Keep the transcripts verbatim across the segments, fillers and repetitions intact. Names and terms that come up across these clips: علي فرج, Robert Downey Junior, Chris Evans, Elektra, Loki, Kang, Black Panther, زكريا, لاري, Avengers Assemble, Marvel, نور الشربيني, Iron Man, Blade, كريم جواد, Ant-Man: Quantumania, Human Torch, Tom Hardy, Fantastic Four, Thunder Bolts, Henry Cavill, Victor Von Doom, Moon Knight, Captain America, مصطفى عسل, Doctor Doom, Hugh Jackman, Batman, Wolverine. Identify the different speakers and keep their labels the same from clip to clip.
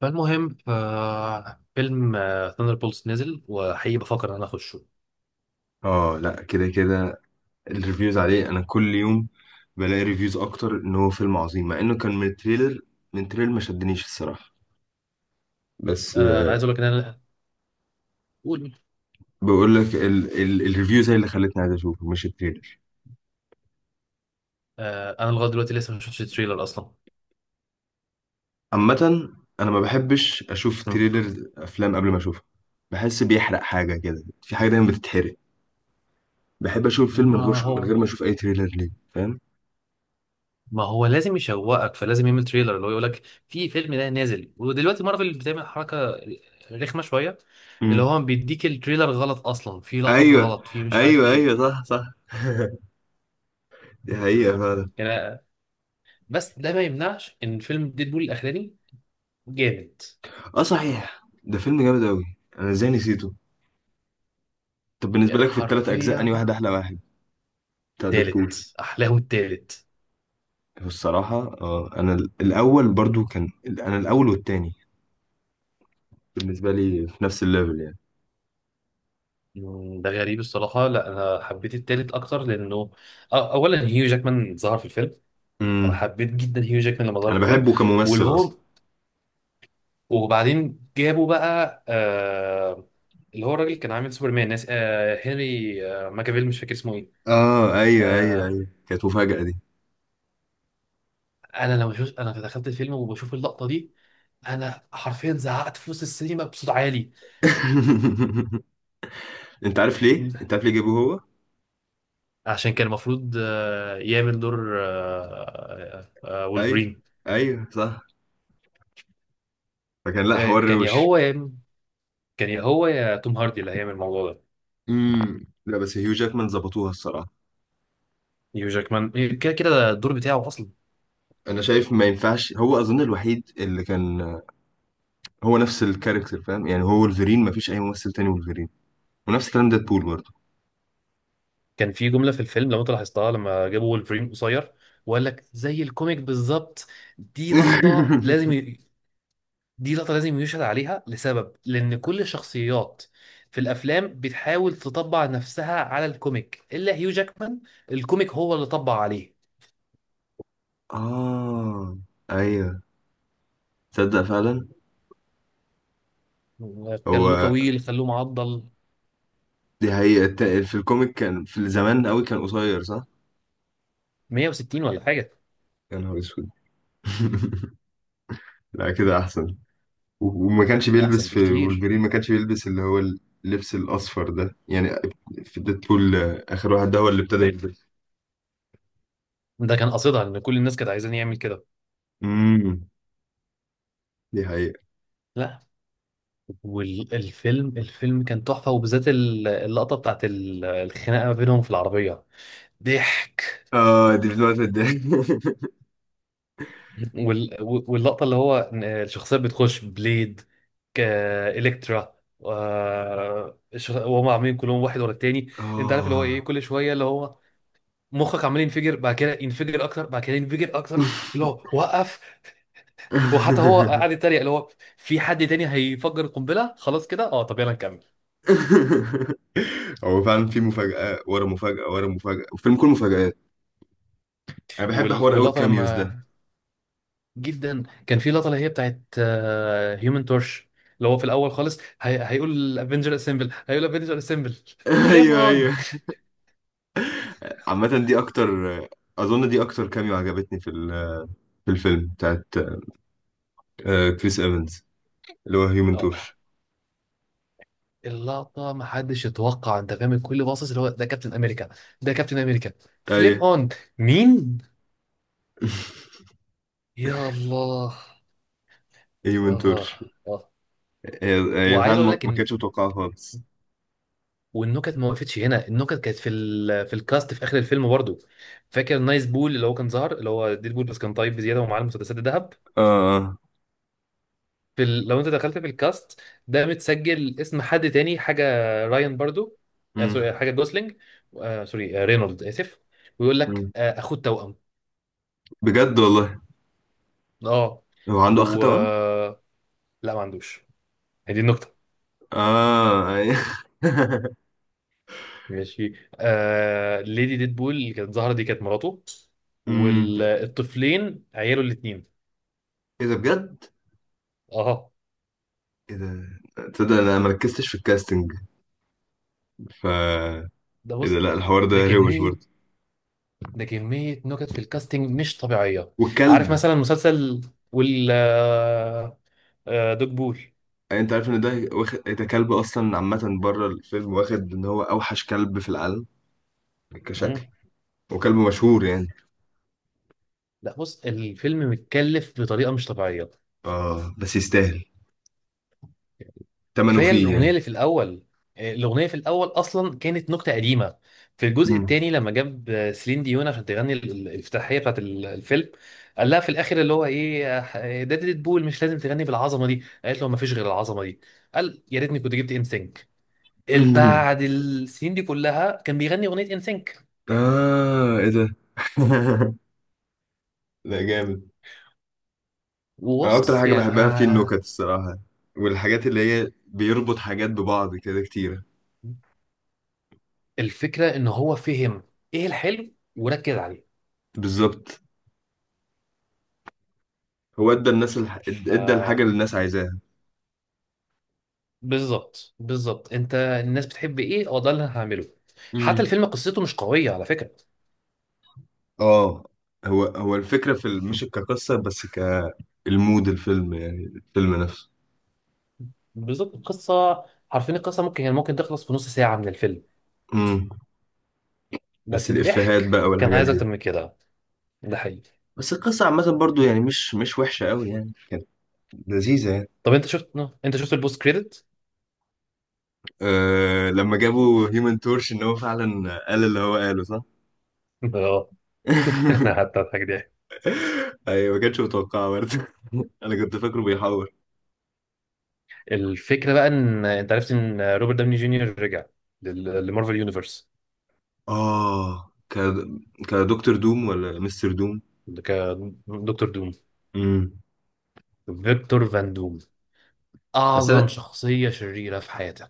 Speaker 1: فالمهم ففيلم ثاندر بولز نزل وحقيقي بفكر ان انا اخشه.
Speaker 2: اه، لا كده كده. الريفيوز عليه، انا كل يوم بلاقي ريفيوز اكتر ان هو فيلم عظيم، مع انه كان من التريلر. من التريلر ما شدنيش الصراحه بس
Speaker 1: آه، انا
Speaker 2: آه،
Speaker 1: عايز اقول لك ان انا قول.
Speaker 2: بقول لك ال ال الريفيوز هي اللي خلتني عايز اشوفه، مش التريلر.
Speaker 1: آه، انا لغايه دلوقتي لسه ما شفتش التريلر اصلا.
Speaker 2: عامه انا ما بحبش اشوف
Speaker 1: مم.
Speaker 2: تريلر افلام قبل ما اشوفها. بحس بيحرق حاجه، كده في حاجه دايما بتتحرق. بحب اشوف فيلم من
Speaker 1: ما
Speaker 2: غير من
Speaker 1: هو
Speaker 2: غير ما اشوف اي تريلر ليه، فاهم؟
Speaker 1: ما هو لازم يشوقك، فلازم يعمل تريلر اللي هو يقول لك في فيلم ده نازل، ودلوقتي مارفل بتعمل حركه رخمه شويه، اللي
Speaker 2: امم
Speaker 1: هو بيديك التريلر غلط اصلا، في لقطات
Speaker 2: ايوه،
Speaker 1: غلط، في مش عارف
Speaker 2: ايوه،
Speaker 1: ايه.
Speaker 2: ايوه، صح، صح. دي
Speaker 1: مم،
Speaker 2: حقيقه
Speaker 1: تمام.
Speaker 2: فعلا.
Speaker 1: يعني بس ده ما يمنعش ان فيلم ديدبول الاخراني جامد
Speaker 2: اه صحيح، ده فيلم جامد قوي. انا ازاي نسيته؟ طب بالنسبه لك في الثلاث اجزاء، انهي
Speaker 1: حرفيا.
Speaker 2: واحد احلى واحد بتاع ديدبول؟
Speaker 1: تالت احلاهم التالت.
Speaker 2: الصراحه اه، انا ال- الاول برضو، كان انا الاول والتاني بالنسبه لي في نفس الليفل يعني.
Speaker 1: مم، ده غريب الصراحه. لا انا حبيت التالت اكتر لانه أ- اولا هيو جاكمان ظهر في الفيلم. انا
Speaker 2: امم
Speaker 1: حبيت جدا هيو جاكمان لما ظهر
Speaker 2: انا
Speaker 1: في الفيلم.
Speaker 2: بحبه
Speaker 1: واللي
Speaker 2: كممثل
Speaker 1: هو
Speaker 2: اصلا.
Speaker 1: وبعدين جابوا بقى آه اللي هو الراجل اللي كان عامل سوبرمان ناس، آه هنري آه ماكافيل، مش فاكر اسمه ايه.
Speaker 2: اه ايوه، ايوه،
Speaker 1: آه
Speaker 2: ايوه، كانت مفاجاه دي.
Speaker 1: انا لما شفت، انا دخلت الفيلم وبشوف اللقطه دي، انا حرفيا زعقت في وسط السينما بصوت عالي.
Speaker 2: انت عارف ليه، انت عارف ليه جابوه هو؟
Speaker 1: عشان كان المفروض آه، يعمل دور آه، آه، آه،
Speaker 2: ايوه،
Speaker 1: وولفرين.
Speaker 2: ايوه صح. فكان لا،
Speaker 1: آه،
Speaker 2: حوار
Speaker 1: كان يا
Speaker 2: روش.
Speaker 1: هو يا كان يا هو يا توم هاردي اللي هيعمل الموضوع ده.
Speaker 2: امم لا بس هيو جاكمان ظبطوها الصراحه.
Speaker 1: نيو جاكمان، كده كده ده الدور بتاعه اصلا.
Speaker 2: انا شايف ما ينفعش، هو اظن الوحيد اللي كان هو نفس الكاركتر، فاهم يعني؟ هو ولفرين، مفيش اي ممثل تاني ولفرين. ونفس الكلام ديد بول برضه.
Speaker 1: كان في جمله في الفيلم لو انت لاحظتها، لما جابوا وولفرين قصير وقال لك زي الكوميك بالظبط. دي لقطه لازم ي... دي لقطه لازم يشهد عليها، لسبب، لان كل الشخصيات في الافلام بتحاول تطبع نفسها على الكوميك الا هيو جاكمان. الكوميك هو اللي طبع عليه.
Speaker 2: اه، ايوه، تصدق فعلا.
Speaker 1: خلوه
Speaker 2: هو
Speaker 1: طويل، خلوه معضل.
Speaker 2: دي حقيقة الت- في الكوميك كان في الزمان قوي، كان قصير صح؟
Speaker 1: مية وستين ولا حاجه.
Speaker 2: يا نهار اسود. لا كده احسن. و- وما كانش
Speaker 1: احسن
Speaker 2: بيلبس في
Speaker 1: بكتير.
Speaker 2: ولفرين، ما كانش بيلبس اللي هو اللبس الاصفر ده يعني. في ديدبول آه، اخر واحد ده هو اللي ابتدى يلبس.
Speaker 1: ده كان قصدها، لان كل الناس كانت عايزين يعمل كده.
Speaker 2: امم دي حقيقة.
Speaker 1: لا. والفيلم، الفيلم كان تحفه، وبالذات ال- اللقطه بتاعت ال- الخناقه ما بينهم في العربيه. ضحك.
Speaker 2: اه دي بتموت الضحك.
Speaker 1: وال- واللقطه اللي هو إن الشخصيات بتخش بليد كالكترا، آه، الشخ- وهم عاملين كلهم واحد ورا التاني. انت عارف اللي هو ايه، كل شويه اللي هو مخك عمال ينفجر، بعد كده ينفجر اكتر، بعد كده ينفجر اكتر، اللي هو وقف. وحتى هو
Speaker 2: اه.
Speaker 1: قاعد يتريق، اللي هو في حد تاني هيفجر القنبله، خلاص كده. اه، طب يلا نكمل.
Speaker 2: هو فعلا في مفاجأة ورا مفاجأة ورا مفاجأة، والفيلم كله مفاجآت. انا بحب
Speaker 1: وال-
Speaker 2: حوار قوي
Speaker 1: واللقطه
Speaker 2: الكاميوز ده.
Speaker 1: لما جدا كان في لقطه اللي هي بتاعت هيومن تورش، اللي هو في الاول خالص هي... هيقول افنجر اسمبل، هيقول افنجر اسمبل، فليم
Speaker 2: ايوه،
Speaker 1: اون.
Speaker 2: ايوه. عامة دي اكتر، اظن دي اكتر كاميو عجبتني في ال- في الفيلم بتاعت آه، كريس ايفنز، اللي هو هيومن
Speaker 1: اه،
Speaker 2: تورش.
Speaker 1: اللقطه ما حدش يتوقع، انت فاهم، الكل باصص اللي هو ده كابتن امريكا، ده كابتن امريكا. فليم
Speaker 2: ايوه.
Speaker 1: اون. مين؟ يا الله. اه.
Speaker 2: هيومن تورش.
Speaker 1: اه.
Speaker 2: هي هي فعلا
Speaker 1: وعايز اقول
Speaker 2: ما
Speaker 1: لك
Speaker 2: ما
Speaker 1: ان
Speaker 2: كانتش متوقعة خالص.
Speaker 1: والنكت ما وقفتش هنا، النكت كانت في ال... في الكاست في اخر الفيلم برضه. فاكر نايس بول اللي هو كان ظهر، اللي هو ديد بول بس كان طيب بزياده، ومعاه المسدسات الذهب.
Speaker 2: اه، اه.
Speaker 1: في ال... لو انت دخلت في الكاست، ده متسجل اسم حد تاني حاجه. راين برضو، آه
Speaker 2: أمم،
Speaker 1: سوري حاجه جوسلينج، آه سوري، آه رينولد اسف. ويقول لك
Speaker 2: أمم.
Speaker 1: آه اخوه التوأم.
Speaker 2: بجد والله،
Speaker 1: اه.
Speaker 2: هو عنده اخ
Speaker 1: و،
Speaker 2: توأم؟
Speaker 1: لا ما عندوش، هي دي النكته.
Speaker 2: اه، أيوة.
Speaker 1: ماشي. آه ليدي ديدبول اللي كانت ظاهره دي كانت مراته.
Speaker 2: امم
Speaker 1: والطفلين عياله الاثنين.
Speaker 2: ايه ده بجد!
Speaker 1: اه.
Speaker 2: ايه ده! تصدق انا ما ركزتش في الكاستنج. ف
Speaker 1: ده
Speaker 2: ايه ده،
Speaker 1: بص،
Speaker 2: لا الحوار
Speaker 1: ده
Speaker 2: ده روش
Speaker 1: كميه
Speaker 2: برضه.
Speaker 1: ده كميه نكت في الكاستنج مش طبيعيه. عارف
Speaker 2: والكلب،
Speaker 1: مثلا مسلسل وال آه، آه، دوج بول.
Speaker 2: انت عارف ان ده واخد، إيه ده كلب اصلا عامه بره الفيلم واخد ان هو اوحش كلب في العالم، كشكل. وكلب مشهور يعني.
Speaker 1: لا بص، الفيلم متكلف بطريقه مش طبيعيه.
Speaker 2: اه بس يستاهل ثمنه
Speaker 1: كفايه
Speaker 2: فيه
Speaker 1: الاغنيه
Speaker 2: يعني.
Speaker 1: اللي في الاول. آه، الاغنيه في الاول اصلا كانت نكته قديمه في الجزء
Speaker 2: مم.
Speaker 1: الثاني، لما جاب آه، سيلين ديون عشان تغني ال- ال- الافتتاحيه بتاعت ال- الفيلم. قال لها في الاخر اللي هو ايه، آه، ده ديد بول مش لازم تغني بالعظمه دي. قالت له ما فيش غير العظمه دي. قال يا ريتني كنت جبت ان سينك، بعد السنين دي كلها كان بيغني اغنيه ان سينك.
Speaker 2: اه ايه ده. لا جامد. انا اكتر
Speaker 1: وبص
Speaker 2: حاجه
Speaker 1: يا،
Speaker 2: بحبها فيه النكت الصراحه، والحاجات اللي هي بيربط حاجات ببعض كده كتيره.
Speaker 1: الفكره ان هو فهم ايه الحلو وركز عليه.
Speaker 2: بالظبط، هو ادى الناس الح... ادى الحاجه اللي الناس عايزاها.
Speaker 1: بالظبط، بالظبط، انت الناس بتحب ايه، هو ده اللي انا هعمله. حتى الفيلم قصته مش قويه على فكره.
Speaker 2: اه هو هو الفكرة في ال- مش كقصة بس، كالمود الفيلم يعني الفيلم نفسه.
Speaker 1: بالظبط القصه، حرفيا القصه ممكن يعني ممكن تخلص في نص ساعه من الفيلم.
Speaker 2: امم بس
Speaker 1: بس
Speaker 2: الإفيهات
Speaker 1: الضحك
Speaker 2: بقى
Speaker 1: كان
Speaker 2: والحاجات
Speaker 1: عايز
Speaker 2: دي.
Speaker 1: اكتر من كده. ده حقيقي.
Speaker 2: بس القصة عامة برضو يعني مش مش وحشة قوي يعني، كانت لذيذة يعني.
Speaker 1: طب انت شفت آه، انت شفت البوست كريدت؟
Speaker 2: أه لما جابوا هيومن تورش، ان هو فعلا قال اللي هو قاله صح؟
Speaker 1: اه. انا قعدت اضحك ضحك.
Speaker 2: ايوه، ما كانش متوقعه برضه. انا كنت فاكره بيحور.
Speaker 1: الفكره بقى ان انت عرفت ان روبرت داوني جونيور رجع لل- لمارفل يونيفرس
Speaker 2: اه، ك كدكتور دوم ولا مستر دوم؟
Speaker 1: كدكتور دوم.
Speaker 2: امم
Speaker 1: فيكتور فان دوم،
Speaker 2: بس
Speaker 1: اعظم شخصيه شريره في حياتك.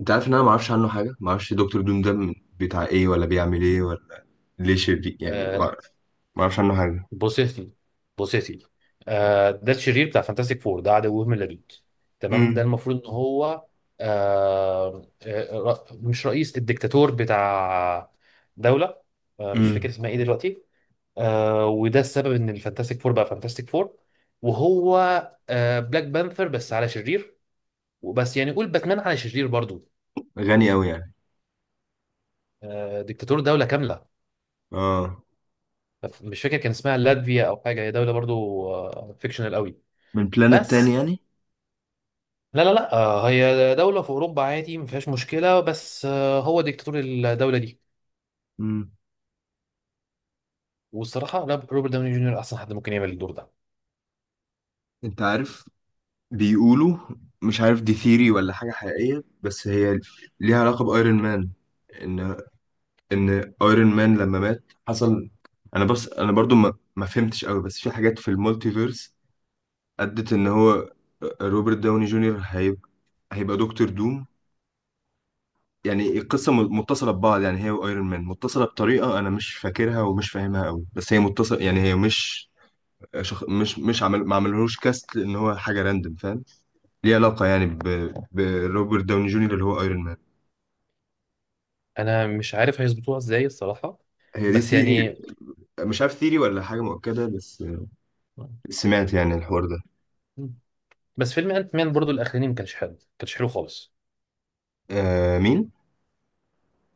Speaker 2: انت عارف ان انا ما اعرفش عنه حاجه، ما اعرفش دكتور دوم ده من- بتاع ايه، ولا بيعمل ايه، ولا ليه شرير يعني، ما
Speaker 1: آه،
Speaker 2: اعرف. ما اعرفش عنه حاجه.
Speaker 1: بص يا سيدي، بص يا سيدي. آه ده الشرير بتاع فانتاستيك فور، ده عدو من اللدود تمام. ده
Speaker 2: امم
Speaker 1: المفروض ان هو آه آه، ر- مش رئيس، الدكتاتور بتاع دولة، آه مش فاكر
Speaker 2: امم
Speaker 1: اسمها ايه دلوقتي. آه وده السبب ان الفانتاستيك فور بقى فانتاستيك فور. وهو آه بلاك بانثر بس على شرير، وبس يعني قول باتمان على شرير برضو.
Speaker 2: غني قوي يعني.
Speaker 1: آه دكتاتور دولة كاملة.
Speaker 2: اه.
Speaker 1: مش فاكر كان اسمها لاتفيا او حاجة، هي دولة برضو آه فيكشنال قوي.
Speaker 2: من بلانت تاني
Speaker 1: بس،
Speaker 2: يعني؟
Speaker 1: لا لا لا، آه، هي دولة في أوروبا عادي ما فيهاش مشكلة، بس آه، هو ديكتاتور الدولة دي.
Speaker 2: امم
Speaker 1: والصراحة لا، روبرت داوني جونيور أحسن حد ممكن يعمل الدور ده.
Speaker 2: انت عارف بيقولوا، مش عارف دي ثيري ولا حاجه حقيقيه، بس هي ليها علاقه بايرون مان. ان ان ايرون مان لما مات حصل، انا بس انا برضو ما, ما فهمتش قوي، بس في حاجات في المالتيفيرس ادت ان هو آه، روبرت داوني جونيور هيبقى، هيبقى دكتور دوم. يعني القصة م- متصلة ببعض يعني، هي وايرون مان متصلة بطريقة انا مش فاكرها ومش فاهمها قوي، بس هي متصلة يعني. هي مش شخ... مش مش عمل، ما عملهوش كاست ان هو حاجة راندم، فاهم؟ ليه علاقة يعني ب... بروبرت داوني جونيور اللي هو ايرون مان.
Speaker 1: أنا مش عارف هيظبطوها إزاي الصراحة.
Speaker 2: هي دي
Speaker 1: بس
Speaker 2: ثيري،
Speaker 1: يعني،
Speaker 2: مش عارف ثيري ولا حاجة مؤكدة، بس سمعت يعني الحوار ده.
Speaker 1: بس فيلم أنت مان برضو الأخراني ما كانش حلو، ما كانش حلو خالص.
Speaker 2: آه مين؟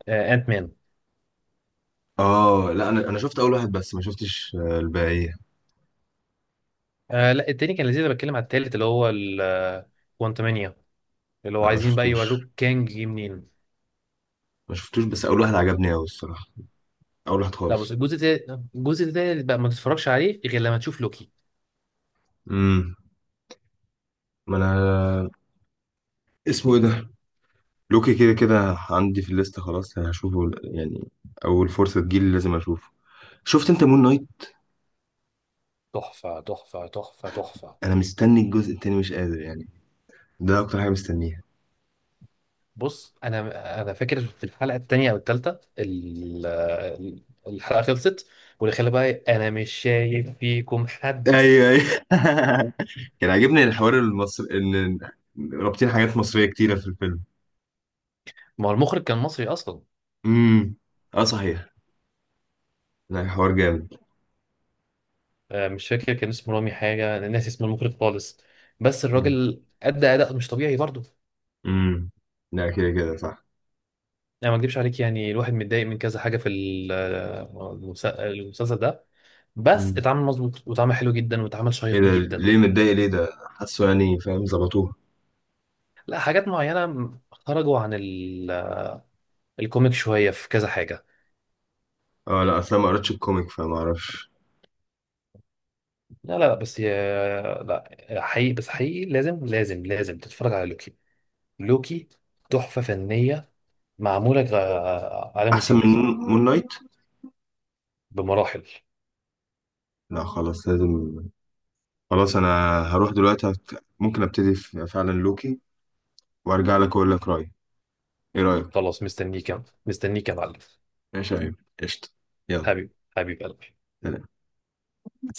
Speaker 1: آه، أنت مان.
Speaker 2: اه لا، انا انا شفت اول واحد بس، ما شفتش آه، الباقية.
Speaker 1: آه لا، التاني كان لذيذ. أنا بتكلم على التالت اللي هو كوانتمانيا، اللي هو
Speaker 2: لا ما
Speaker 1: عايزين بقى
Speaker 2: شفتوش،
Speaker 1: يوروك كانج جه منين.
Speaker 2: ما شفتوش، بس اول واحد عجبني قوي الصراحة، اول واحد
Speaker 1: لا
Speaker 2: خالص.
Speaker 1: بص، الجزء ده الجزء ده بقى ما تتفرجش عليه غير لما تشوف لوكي.
Speaker 2: امم ما انا، اسمه ايه ده، لوكي، كده كده عندي في الليسته، خلاص هشوفه يعني. اول فرصه تجيلي لازم اشوفه. شفت انت مون نايت؟
Speaker 1: تحفة تحفة تحفة تحفة.
Speaker 2: انا مستني الجزء التاني، مش قادر يعني، ده اكتر حاجه مستنيها.
Speaker 1: بص انا انا فاكر في الحلقه الثانيه او الثالثه الحلقه خلصت، واللي خلى بقى انا مش شايف فيكم حد.
Speaker 2: ايوه، ايوه. كان عاجبني الحوار المصري، ان رابطين حاجات مصريه كتيره في الفيلم.
Speaker 1: ما هو المخرج كان مصري اصلا.
Speaker 2: امم اه صحيح، لا حوار جامد.
Speaker 1: آه، مش فاكر كان اسمه رامي حاجه، انا ناسي اسم المخرج خالص. بس الراجل ادى اداء مش طبيعي برضه.
Speaker 2: امم لا كده كده صح.
Speaker 1: انا ما اكدبش عليك، يعني الواحد متضايق من كذا حاجه في ال- آه، المس- المسلسل ده، بس
Speaker 2: مم.
Speaker 1: اتعمل مظبوط، واتعمل حلو جدا، واتعمل
Speaker 2: ايه
Speaker 1: شيق
Speaker 2: ده،
Speaker 1: جدا.
Speaker 2: ليه متضايق، ليه ده حاسه يعني، فاهم ظبطوها.
Speaker 1: لا، حاجات معينه خرجوا عن ال- الكوميك شويه في كذا حاجه.
Speaker 2: اه لا، اصل أنا ما قريتش الكوميك فما اعرفش.
Speaker 1: لا لا بس يا لا حقيقي، بس حقيقي لازم لازم لازم تتفرج على لوكي. لوكي تحفة فنية، معمولة غ- على
Speaker 2: احسن
Speaker 1: موسمين.
Speaker 2: من مون نايت؟
Speaker 1: بمراحل.
Speaker 2: لا خلاص لازم. خلاص انا هروح دلوقتي هت- ممكن ابتدي في- فعلا لوكي، وارجع لك اقول لك رايي. ايه رايك؟
Speaker 1: خلاص مستنيك يا- مستنيك يا معلم.
Speaker 2: ماشي يا ايمن، قشطه، يلا،
Speaker 1: حبيب حبيب قلبي.
Speaker 2: سلام.